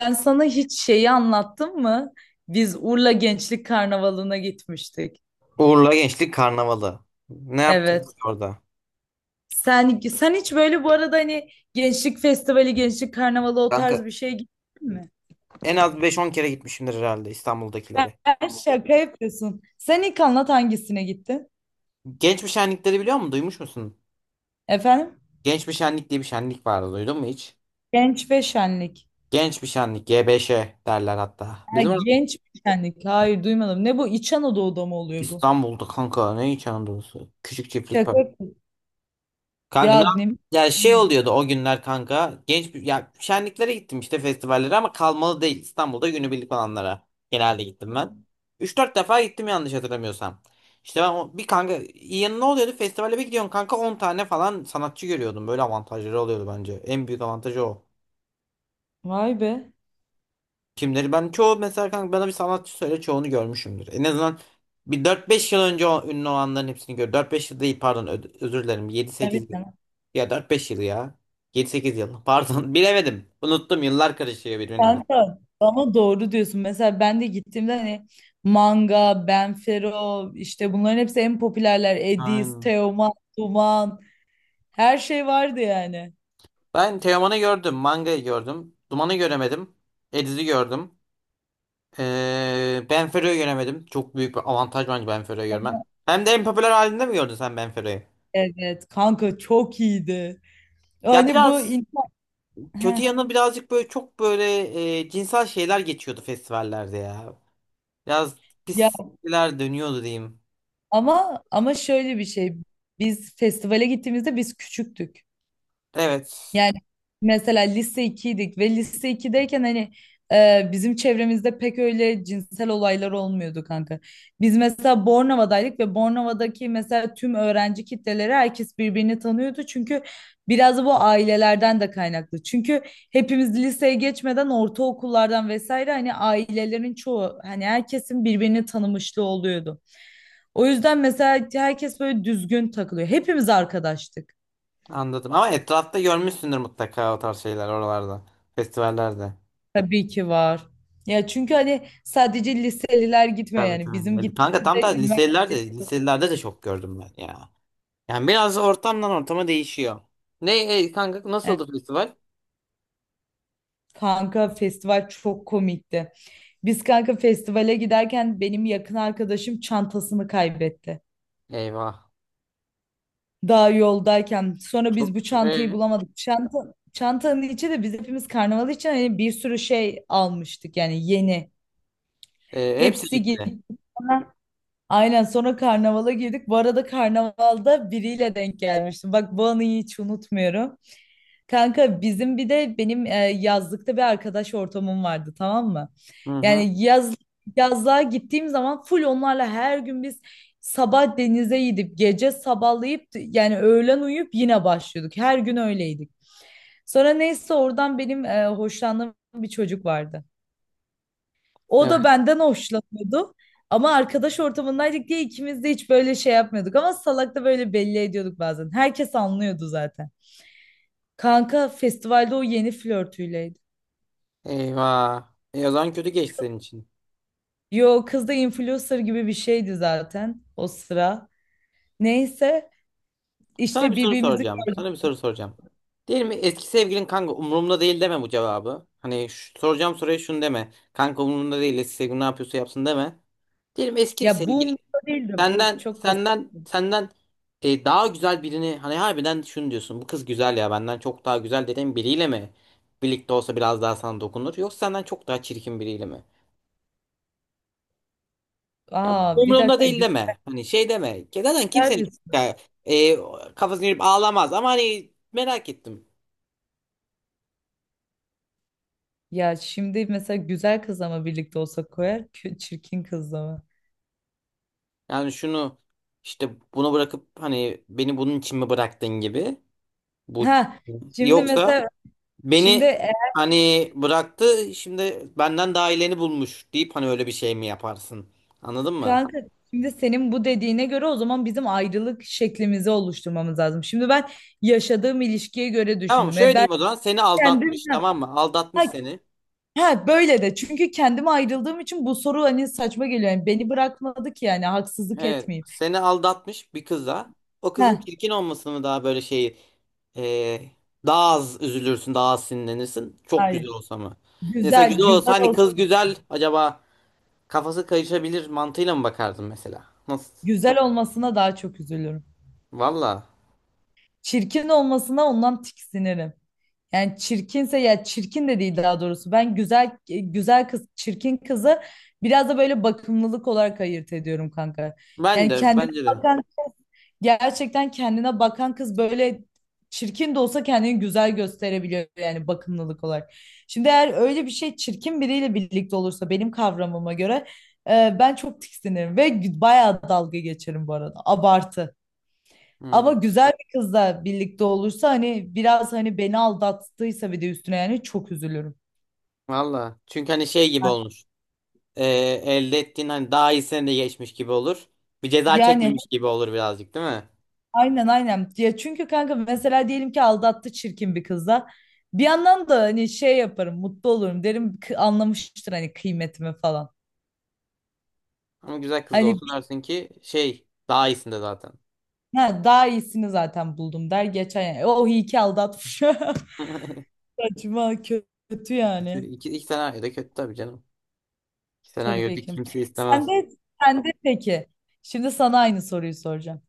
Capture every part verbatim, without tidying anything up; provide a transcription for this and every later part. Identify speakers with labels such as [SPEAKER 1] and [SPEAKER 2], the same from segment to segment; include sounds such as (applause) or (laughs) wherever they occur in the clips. [SPEAKER 1] Ben sana hiç şeyi anlattım mı? Biz Urla Gençlik Karnavalı'na gitmiştik.
[SPEAKER 2] Uğurla Gençlik Karnavalı. Ne yaptık
[SPEAKER 1] Evet.
[SPEAKER 2] orada?
[SPEAKER 1] Sen sen hiç böyle bu arada hani Gençlik Festivali, Gençlik Karnavalı o
[SPEAKER 2] Kanka
[SPEAKER 1] tarz bir şeye gittin mi?
[SPEAKER 2] en az beş on kere gitmişimdir herhalde İstanbul'dakilere.
[SPEAKER 1] Sen şaka yapıyorsun. Sen ilk anlat hangisine gittin?
[SPEAKER 2] Genç bir şenlikleri biliyor musun? Duymuş musun?
[SPEAKER 1] Efendim?
[SPEAKER 2] Genç bir şenlik diye bir şenlik vardı. Duydun mu hiç?
[SPEAKER 1] Genç ve Şenlik.
[SPEAKER 2] Genç bir şenlik. G B Ş derler hatta.
[SPEAKER 1] Ha,
[SPEAKER 2] Bizim orada
[SPEAKER 1] genç ve Şenlik. Hayır duymadım. Ne bu? İç Anadolu'da mı oluyor bu?
[SPEAKER 2] İstanbul'da kanka ne hiç anadolusu. Küçük çiftlik var.
[SPEAKER 1] Şaka yapıyorsun.
[SPEAKER 2] Kanka ne
[SPEAKER 1] Ya
[SPEAKER 2] yap-
[SPEAKER 1] ne?
[SPEAKER 2] Ya şey oluyordu o günler kanka. Genç bir- ya şenliklere gittim işte festivallere ama kalmalı değil. İstanbul'da günübirlik olanlara genelde gittim ben. Üç dört defa gittim yanlış hatırlamıyorsam. İşte ben o- bir kanka yanı ne oluyordu? Festivale bir gidiyorsun kanka on tane falan sanatçı görüyordum. Böyle avantajları oluyordu bence. En büyük avantajı o.
[SPEAKER 1] Vay be.
[SPEAKER 2] Kimleri ben çoğu mesela kanka bana bir sanatçı söyle çoğunu görmüşümdür. En azından bir dört beş yıl önce o, ünlü olanların hepsini gör. Dört beş yıl değil pardon ö- özür dilerim. Yedi
[SPEAKER 1] Tabii
[SPEAKER 2] sekiz
[SPEAKER 1] canım.
[SPEAKER 2] ya dört beş yıl ya. Yedi sekiz yıl. (laughs) Pardon. Bilemedim. Unuttum. Yıllar karışıyor birbirine.
[SPEAKER 1] Kanka ama doğru diyorsun. Mesela ben de gittiğimde hani Manga, Benfero işte bunların hepsi en popülerler. Edis,
[SPEAKER 2] Aynen.
[SPEAKER 1] Teoman, Duman, her şey vardı yani.
[SPEAKER 2] Ben Teoman'ı gördüm. Manga'yı gördüm. Duman'ı göremedim. Ediz'i gördüm. Ee, Benfero'yu göremedim. Çok büyük bir avantaj bence Benfero'yu görmem. Hem de en popüler halinde mi gördün sen Benfero'yu?
[SPEAKER 1] Evet kanka çok iyiydi.
[SPEAKER 2] Ya
[SPEAKER 1] Hani bu
[SPEAKER 2] biraz
[SPEAKER 1] in- Heh,
[SPEAKER 2] kötü yanı birazcık böyle çok böyle e, cinsel şeyler geçiyordu festivallerde ya. Biraz
[SPEAKER 1] ya
[SPEAKER 2] pisler dönüyordu diyeyim.
[SPEAKER 1] ama ama şöyle bir şey. Biz festivale gittiğimizde biz küçüktük.
[SPEAKER 2] Evet.
[SPEAKER 1] Yani mesela lise ikiydik ve lise ikideyken hani e, bizim çevremizde pek öyle cinsel olaylar olmuyordu kanka. Biz mesela Bornova'daydık ve Bornova'daki mesela tüm öğrenci kitleleri herkes birbirini tanıyordu. Çünkü biraz da bu ailelerden de kaynaklı. Çünkü hepimiz liseye geçmeden ortaokullardan vesaire hani ailelerin çoğu hani herkesin birbirini tanımışlığı oluyordu. O yüzden mesela herkes böyle düzgün takılıyor. Hepimiz arkadaştık.
[SPEAKER 2] Anladım. Ama etrafta görmüşsündür mutlaka o tarz şeyler oralarda. Festivallerde.
[SPEAKER 1] Tabii ki var. Ya çünkü hani sadece liseliler gitmiyor,
[SPEAKER 2] Tabii
[SPEAKER 1] yani
[SPEAKER 2] tabii.
[SPEAKER 1] bizim
[SPEAKER 2] Yani kanka tam da
[SPEAKER 1] gittiğimizde üniversite.
[SPEAKER 2] liselerde, liselerde de çok gördüm ben ya. Yani biraz ortamdan ortama değişiyor. Ne e, kanka
[SPEAKER 1] Evet,
[SPEAKER 2] nasıldı festival?
[SPEAKER 1] kanka festival çok komikti. Biz kanka festivale giderken benim yakın arkadaşım çantasını kaybetti.
[SPEAKER 2] Eyvah.
[SPEAKER 1] Daha yoldayken sonra biz
[SPEAKER 2] Çok
[SPEAKER 1] bu çantayı
[SPEAKER 2] e,
[SPEAKER 1] bulamadık. Çanta, çantanın içi de biz hepimiz karnaval için hani bir sürü şey almıştık yani yeni.
[SPEAKER 2] e, hepsi
[SPEAKER 1] Hepsi
[SPEAKER 2] gitti.
[SPEAKER 1] gitti. Aynen, sonra karnavala girdik. Bu arada karnavalda biriyle denk gelmiştim. Bak bu anıyı hiç unutmuyorum. Kanka bizim bir de benim e, yazlıkta bir arkadaş ortamım vardı, tamam mı?
[SPEAKER 2] Hı hı.
[SPEAKER 1] Yani yaz yazlığa gittiğim zaman full onlarla her gün biz sabah denize gidip gece sabahlayıp yani öğlen uyuyup yine başlıyorduk. Her gün öyleydik. Sonra neyse oradan benim e, hoşlandığım bir çocuk vardı. O
[SPEAKER 2] Evet.
[SPEAKER 1] da benden hoşlanıyordu. Ama arkadaş ortamındaydık diye ikimiz de hiç böyle şey yapmıyorduk. Ama salak da böyle belli ediyorduk bazen. Herkes anlıyordu zaten. Kanka festivalde o yeni flörtüyleydi.
[SPEAKER 2] Eyvah. E, o zaman kötü geçti senin için.
[SPEAKER 1] Yo, kız da influencer gibi bir şeydi zaten o sıra. Neyse
[SPEAKER 2] Sana
[SPEAKER 1] işte
[SPEAKER 2] bir soru
[SPEAKER 1] birbirimizi
[SPEAKER 2] soracağım.
[SPEAKER 1] gördük.
[SPEAKER 2] Sana bir soru soracağım. Diyelim mi eski sevgilin kanka umurumda değil deme bu cevabı. Hani şu- soracağım soruya şunu deme. Kanka umurumda değil eski sevgilin ne yapıyorsa yapsın deme. Diyelim eski bir
[SPEAKER 1] Ya bu
[SPEAKER 2] sevgili.
[SPEAKER 1] umurumda değildi. Bu
[SPEAKER 2] Senden
[SPEAKER 1] çok basit.
[SPEAKER 2] senden senden e, daha güzel birini hani harbiden şunu diyorsun. Bu kız güzel ya benden çok daha güzel dediğin biriyle mi? Birlikte olsa biraz daha sana dokunur. Yoksa senden çok daha çirkin biriyle mi? Ya bu
[SPEAKER 1] Aa bir
[SPEAKER 2] umurumda
[SPEAKER 1] dakika,
[SPEAKER 2] değil deme. Hani şey deme. Zaten
[SPEAKER 1] güzel bir
[SPEAKER 2] kimsenin
[SPEAKER 1] soru.
[SPEAKER 2] ya, e, kafasını girip ağlamaz ama hani merak ettim.
[SPEAKER 1] Ya şimdi mesela güzel kızla mı birlikte olsa koyar, kö- çirkin kızla mı?
[SPEAKER 2] Yani şunu işte bunu bırakıp hani beni bunun için mi bıraktın gibi. Bu
[SPEAKER 1] Ha şimdi
[SPEAKER 2] yoksa
[SPEAKER 1] mesela şimdi
[SPEAKER 2] beni hani bıraktı şimdi benden daha iyileni bulmuş deyip hani öyle bir şey mi yaparsın? Anladın mı?
[SPEAKER 1] Kanka şimdi senin bu dediğine göre o zaman bizim ayrılık şeklimizi oluşturmamız lazım. Şimdi ben yaşadığım ilişkiye göre
[SPEAKER 2] Tamam
[SPEAKER 1] düşündüm.
[SPEAKER 2] şöyle
[SPEAKER 1] E ben
[SPEAKER 2] diyeyim o zaman seni
[SPEAKER 1] kendim
[SPEAKER 2] aldatmış
[SPEAKER 1] ha,
[SPEAKER 2] tamam mı? Aldatmış seni.
[SPEAKER 1] ha, böyle de çünkü kendim ayrıldığım için bu soru hani saçma geliyor. Yani beni bırakmadı ki yani haksızlık
[SPEAKER 2] Evet
[SPEAKER 1] etmeyeyim.
[SPEAKER 2] seni aldatmış bir kıza. O kızın
[SPEAKER 1] Ha,
[SPEAKER 2] çirkin olmasını mı daha böyle şey e, daha az üzülürsün daha az sinirlenirsin. Çok
[SPEAKER 1] hayır.
[SPEAKER 2] güzel olsa mı? Mesela güzel
[SPEAKER 1] Güzel,
[SPEAKER 2] olsa
[SPEAKER 1] güzel
[SPEAKER 2] hani
[SPEAKER 1] ol,
[SPEAKER 2] kız güzel acaba kafası kayışabilir mantığıyla mı bakardın mesela? Nasıl?
[SPEAKER 1] güzel olmasına daha çok üzülürüm.
[SPEAKER 2] Valla
[SPEAKER 1] Çirkin olmasına ondan tiksinirim. Yani çirkinse, ya çirkin de değil daha doğrusu. Ben güzel güzel kız, çirkin kızı biraz da böyle bakımlılık olarak ayırt ediyorum kanka.
[SPEAKER 2] ben
[SPEAKER 1] Yani
[SPEAKER 2] de
[SPEAKER 1] kendine
[SPEAKER 2] bence de.
[SPEAKER 1] bakan gerçekten kendine bakan kız böyle çirkin de olsa kendini güzel gösterebiliyor yani bakımlılık olarak. Şimdi eğer öyle bir şey çirkin biriyle birlikte olursa benim kavramıma göre e, ben çok tiksinirim ve bayağı dalga geçerim bu arada. Abartı. Ama
[SPEAKER 2] Hı.
[SPEAKER 1] güzel bir kızla birlikte olursa hani biraz hani beni aldattıysa bir de üstüne yani çok üzülürüm.
[SPEAKER 2] Valla. Çünkü hani şey gibi olmuş. Ee, elde ettiğin hani daha iyisine de geçmiş gibi olur. Bir ceza
[SPEAKER 1] Yani
[SPEAKER 2] çekmemiş gibi olur birazcık değil mi?
[SPEAKER 1] aynen aynen. Ya çünkü kanka mesela diyelim ki aldattı çirkin bir kızla. Bir yandan da hani şey yaparım, mutlu olurum derim, "Kı- anlamıştır hani kıymetimi falan."
[SPEAKER 2] Ama güzel kız da
[SPEAKER 1] Hani
[SPEAKER 2] olsa
[SPEAKER 1] bi-
[SPEAKER 2] dersin ki şey daha iyisinde zaten.
[SPEAKER 1] ha, Daha iyisini zaten buldum der geçen yani. O iyi ki aldatmış. (laughs)
[SPEAKER 2] (laughs)
[SPEAKER 1] Saçma, kötü
[SPEAKER 2] Kötü.
[SPEAKER 1] yani.
[SPEAKER 2] İki, iki senaryo da kötü tabii canım. İki senaryo
[SPEAKER 1] Tabii
[SPEAKER 2] da
[SPEAKER 1] ki.
[SPEAKER 2] kimse istemez.
[SPEAKER 1] Sen de sen de peki. Şimdi sana aynı soruyu soracağım.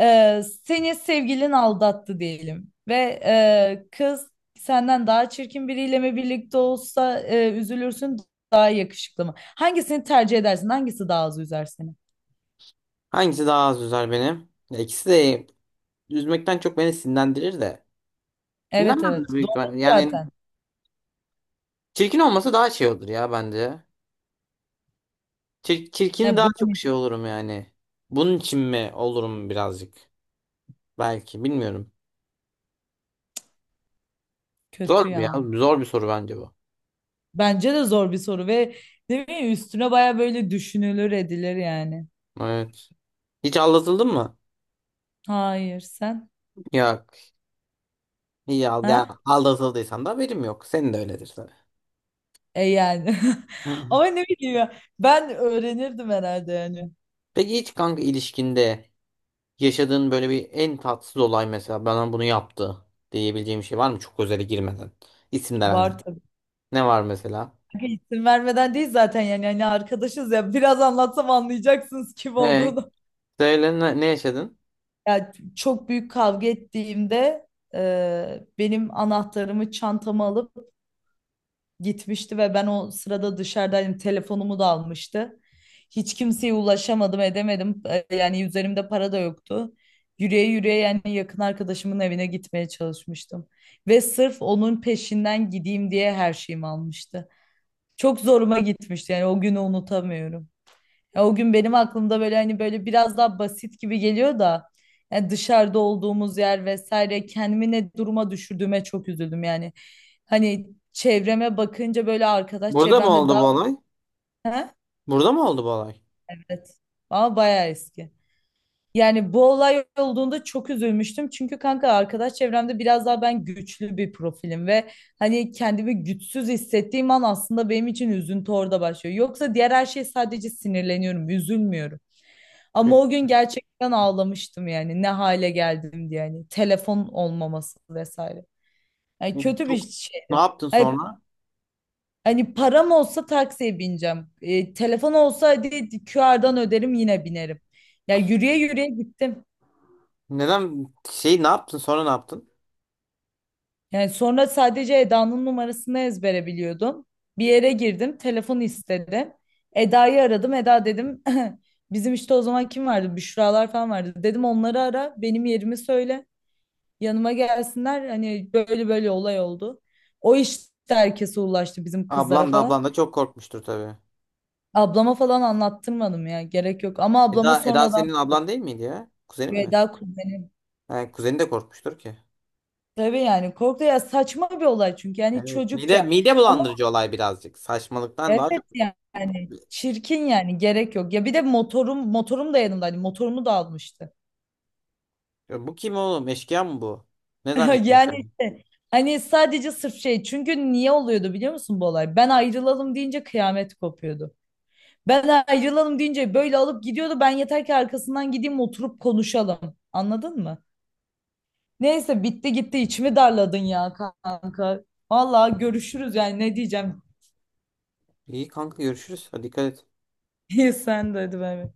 [SPEAKER 1] Ee, seni sevgilin aldattı diyelim ve e, kız senden daha çirkin biriyle mi birlikte olsa e, üzülürsün, daha yakışıklı mı? Hangisini tercih edersin? Hangisi daha az üzer seni?
[SPEAKER 2] Hangisi daha az üzer benim? Ya ikisi de üzmekten çok beni sinirlendirir de.
[SPEAKER 1] Evet
[SPEAKER 2] Sinirlenmem de
[SPEAKER 1] evet
[SPEAKER 2] büyük
[SPEAKER 1] doğru
[SPEAKER 2] ihtimalle. Yani
[SPEAKER 1] zaten.
[SPEAKER 2] çirkin olması daha şey olur ya bence. Çir- çirkin
[SPEAKER 1] He,
[SPEAKER 2] daha
[SPEAKER 1] bu da
[SPEAKER 2] çok
[SPEAKER 1] bir-
[SPEAKER 2] şey olurum yani. Bunun için mi olurum birazcık? Belki bilmiyorum. Zor
[SPEAKER 1] Kötü
[SPEAKER 2] bir ya.
[SPEAKER 1] ya.
[SPEAKER 2] Zor bir soru bence bu.
[SPEAKER 1] Bence de zor bir soru ve ne bileyim üstüne baya böyle düşünülür edilir yani.
[SPEAKER 2] Evet. Hiç aldatıldın mı?
[SPEAKER 1] Hayır, sen?
[SPEAKER 2] Yok. İyi al yani
[SPEAKER 1] Ha?
[SPEAKER 2] aldatıldıysan da haberim yok. Senin de öyledir tabii.
[SPEAKER 1] E yani. (laughs) Ama
[SPEAKER 2] (laughs)
[SPEAKER 1] ne bileyim ya, ben öğrenirdim herhalde yani.
[SPEAKER 2] Peki hiç kanka ilişkinde yaşadığın böyle bir en tatsız olay mesela bana bunu yaptı diyebileceğim bir şey var mı? Çok özele girmeden. İsim de
[SPEAKER 1] Var
[SPEAKER 2] vermeden.
[SPEAKER 1] tabii.
[SPEAKER 2] Ne var mesela?
[SPEAKER 1] İsim vermeden değil zaten yani yani arkadaşız ya, biraz anlatsam anlayacaksınız kim
[SPEAKER 2] He,
[SPEAKER 1] olduğunu.
[SPEAKER 2] söyle ne, ne yaşadın?
[SPEAKER 1] Ya çok büyük kavga ettiğimde e, benim anahtarımı çantama alıp gitmişti ve ben o sırada dışarıdaydım, telefonumu da almıştı. Hiç kimseye ulaşamadım edemedim. E, yani üzerimde para da yoktu. Yürüye yürüye yani yakın arkadaşımın evine gitmeye çalışmıştım. Ve sırf onun peşinden gideyim diye her şeyimi almıştı. Çok zoruma gitmişti yani o günü unutamıyorum. Ya o gün benim aklımda böyle hani böyle biraz daha basit gibi geliyor da yani dışarıda olduğumuz yer vesaire kendimi ne duruma düşürdüğüme çok üzüldüm yani. Hani çevreme bakınca böyle arkadaş
[SPEAKER 2] Burada mı
[SPEAKER 1] çevremde
[SPEAKER 2] oldu bu
[SPEAKER 1] daha.
[SPEAKER 2] olay?
[SPEAKER 1] He?
[SPEAKER 2] Burada mı oldu bu olay?
[SPEAKER 1] Evet, ama bayağı eski. Yani bu olay olduğunda çok üzülmüştüm. Çünkü kanka arkadaş çevremde biraz daha ben güçlü bir profilim ve hani kendimi güçsüz hissettiğim an aslında benim için üzüntü orada başlıyor. Yoksa diğer her şey sadece sinirleniyorum, üzülmüyorum.
[SPEAKER 2] E,
[SPEAKER 1] Ama o gün gerçekten ağlamıştım yani ne hale geldim diye, yani telefon olmaması vesaire.
[SPEAKER 2] e,
[SPEAKER 1] Yani kötü bir
[SPEAKER 2] Çok ne
[SPEAKER 1] şeydi.
[SPEAKER 2] yaptın
[SPEAKER 1] Hani,
[SPEAKER 2] sonra?
[SPEAKER 1] hani param olsa taksiye bineceğim. E, telefon olsa hadi Q R'dan öderim yine binerim. Yani yürüye yürüye gittim.
[SPEAKER 2] Neden şey ne yaptın sonra ne yaptın?
[SPEAKER 1] Yani sonra sadece Eda'nın numarasını ezbere biliyordum. Bir yere girdim, telefon istedi. Eda'yı aradım. Eda dedim, (laughs) bizim işte o zaman kim vardı? Büşralar falan vardı. Dedim onları ara, benim yerimi söyle. Yanıma gelsinler, hani böyle böyle olay oldu. O işte herkese ulaştı bizim kızlara
[SPEAKER 2] Ablan da
[SPEAKER 1] falan.
[SPEAKER 2] ablan da çok korkmuştur tabii.
[SPEAKER 1] Ablama falan anlattırmadım ya, gerek yok. Ama ablama
[SPEAKER 2] Eda, Eda
[SPEAKER 1] sonradan.
[SPEAKER 2] senin ablan değil miydi ya? Kuzenin mi?
[SPEAKER 1] Veda kuzenim.
[SPEAKER 2] Ha, kuzeni de korkmuştur ki.
[SPEAKER 1] Tabii yani korktu ya, saçma bir olay çünkü yani
[SPEAKER 2] Evet. Mide,
[SPEAKER 1] çocukça.
[SPEAKER 2] mide
[SPEAKER 1] Ama
[SPEAKER 2] bulandırıcı olay birazcık. Saçmalıktan daha
[SPEAKER 1] evet
[SPEAKER 2] çok.
[SPEAKER 1] yani çirkin, yani gerek yok. Ya bir de motorum motorum da yanımda yanımdaydı. Motorumu da almıştı.
[SPEAKER 2] Ya bu kim oğlum? Eşkıya mı bu? Ne
[SPEAKER 1] (laughs) Yani
[SPEAKER 2] zannediyorsun?
[SPEAKER 1] işte hani sadece sırf şey, çünkü niye oluyordu biliyor musun bu olay? Ben ayrılalım deyince kıyamet kopuyordu. Ben ayrılalım deyince böyle alıp gidiyordu. Ben yeter ki arkasından gideyim oturup konuşalım. Anladın mı? Neyse bitti gitti, içimi darladın ya kanka. Vallahi görüşürüz yani ne diyeceğim.
[SPEAKER 2] İyi kanka görüşürüz. Hadi dikkat et.
[SPEAKER 1] (laughs) Sen de hadi, bay bay.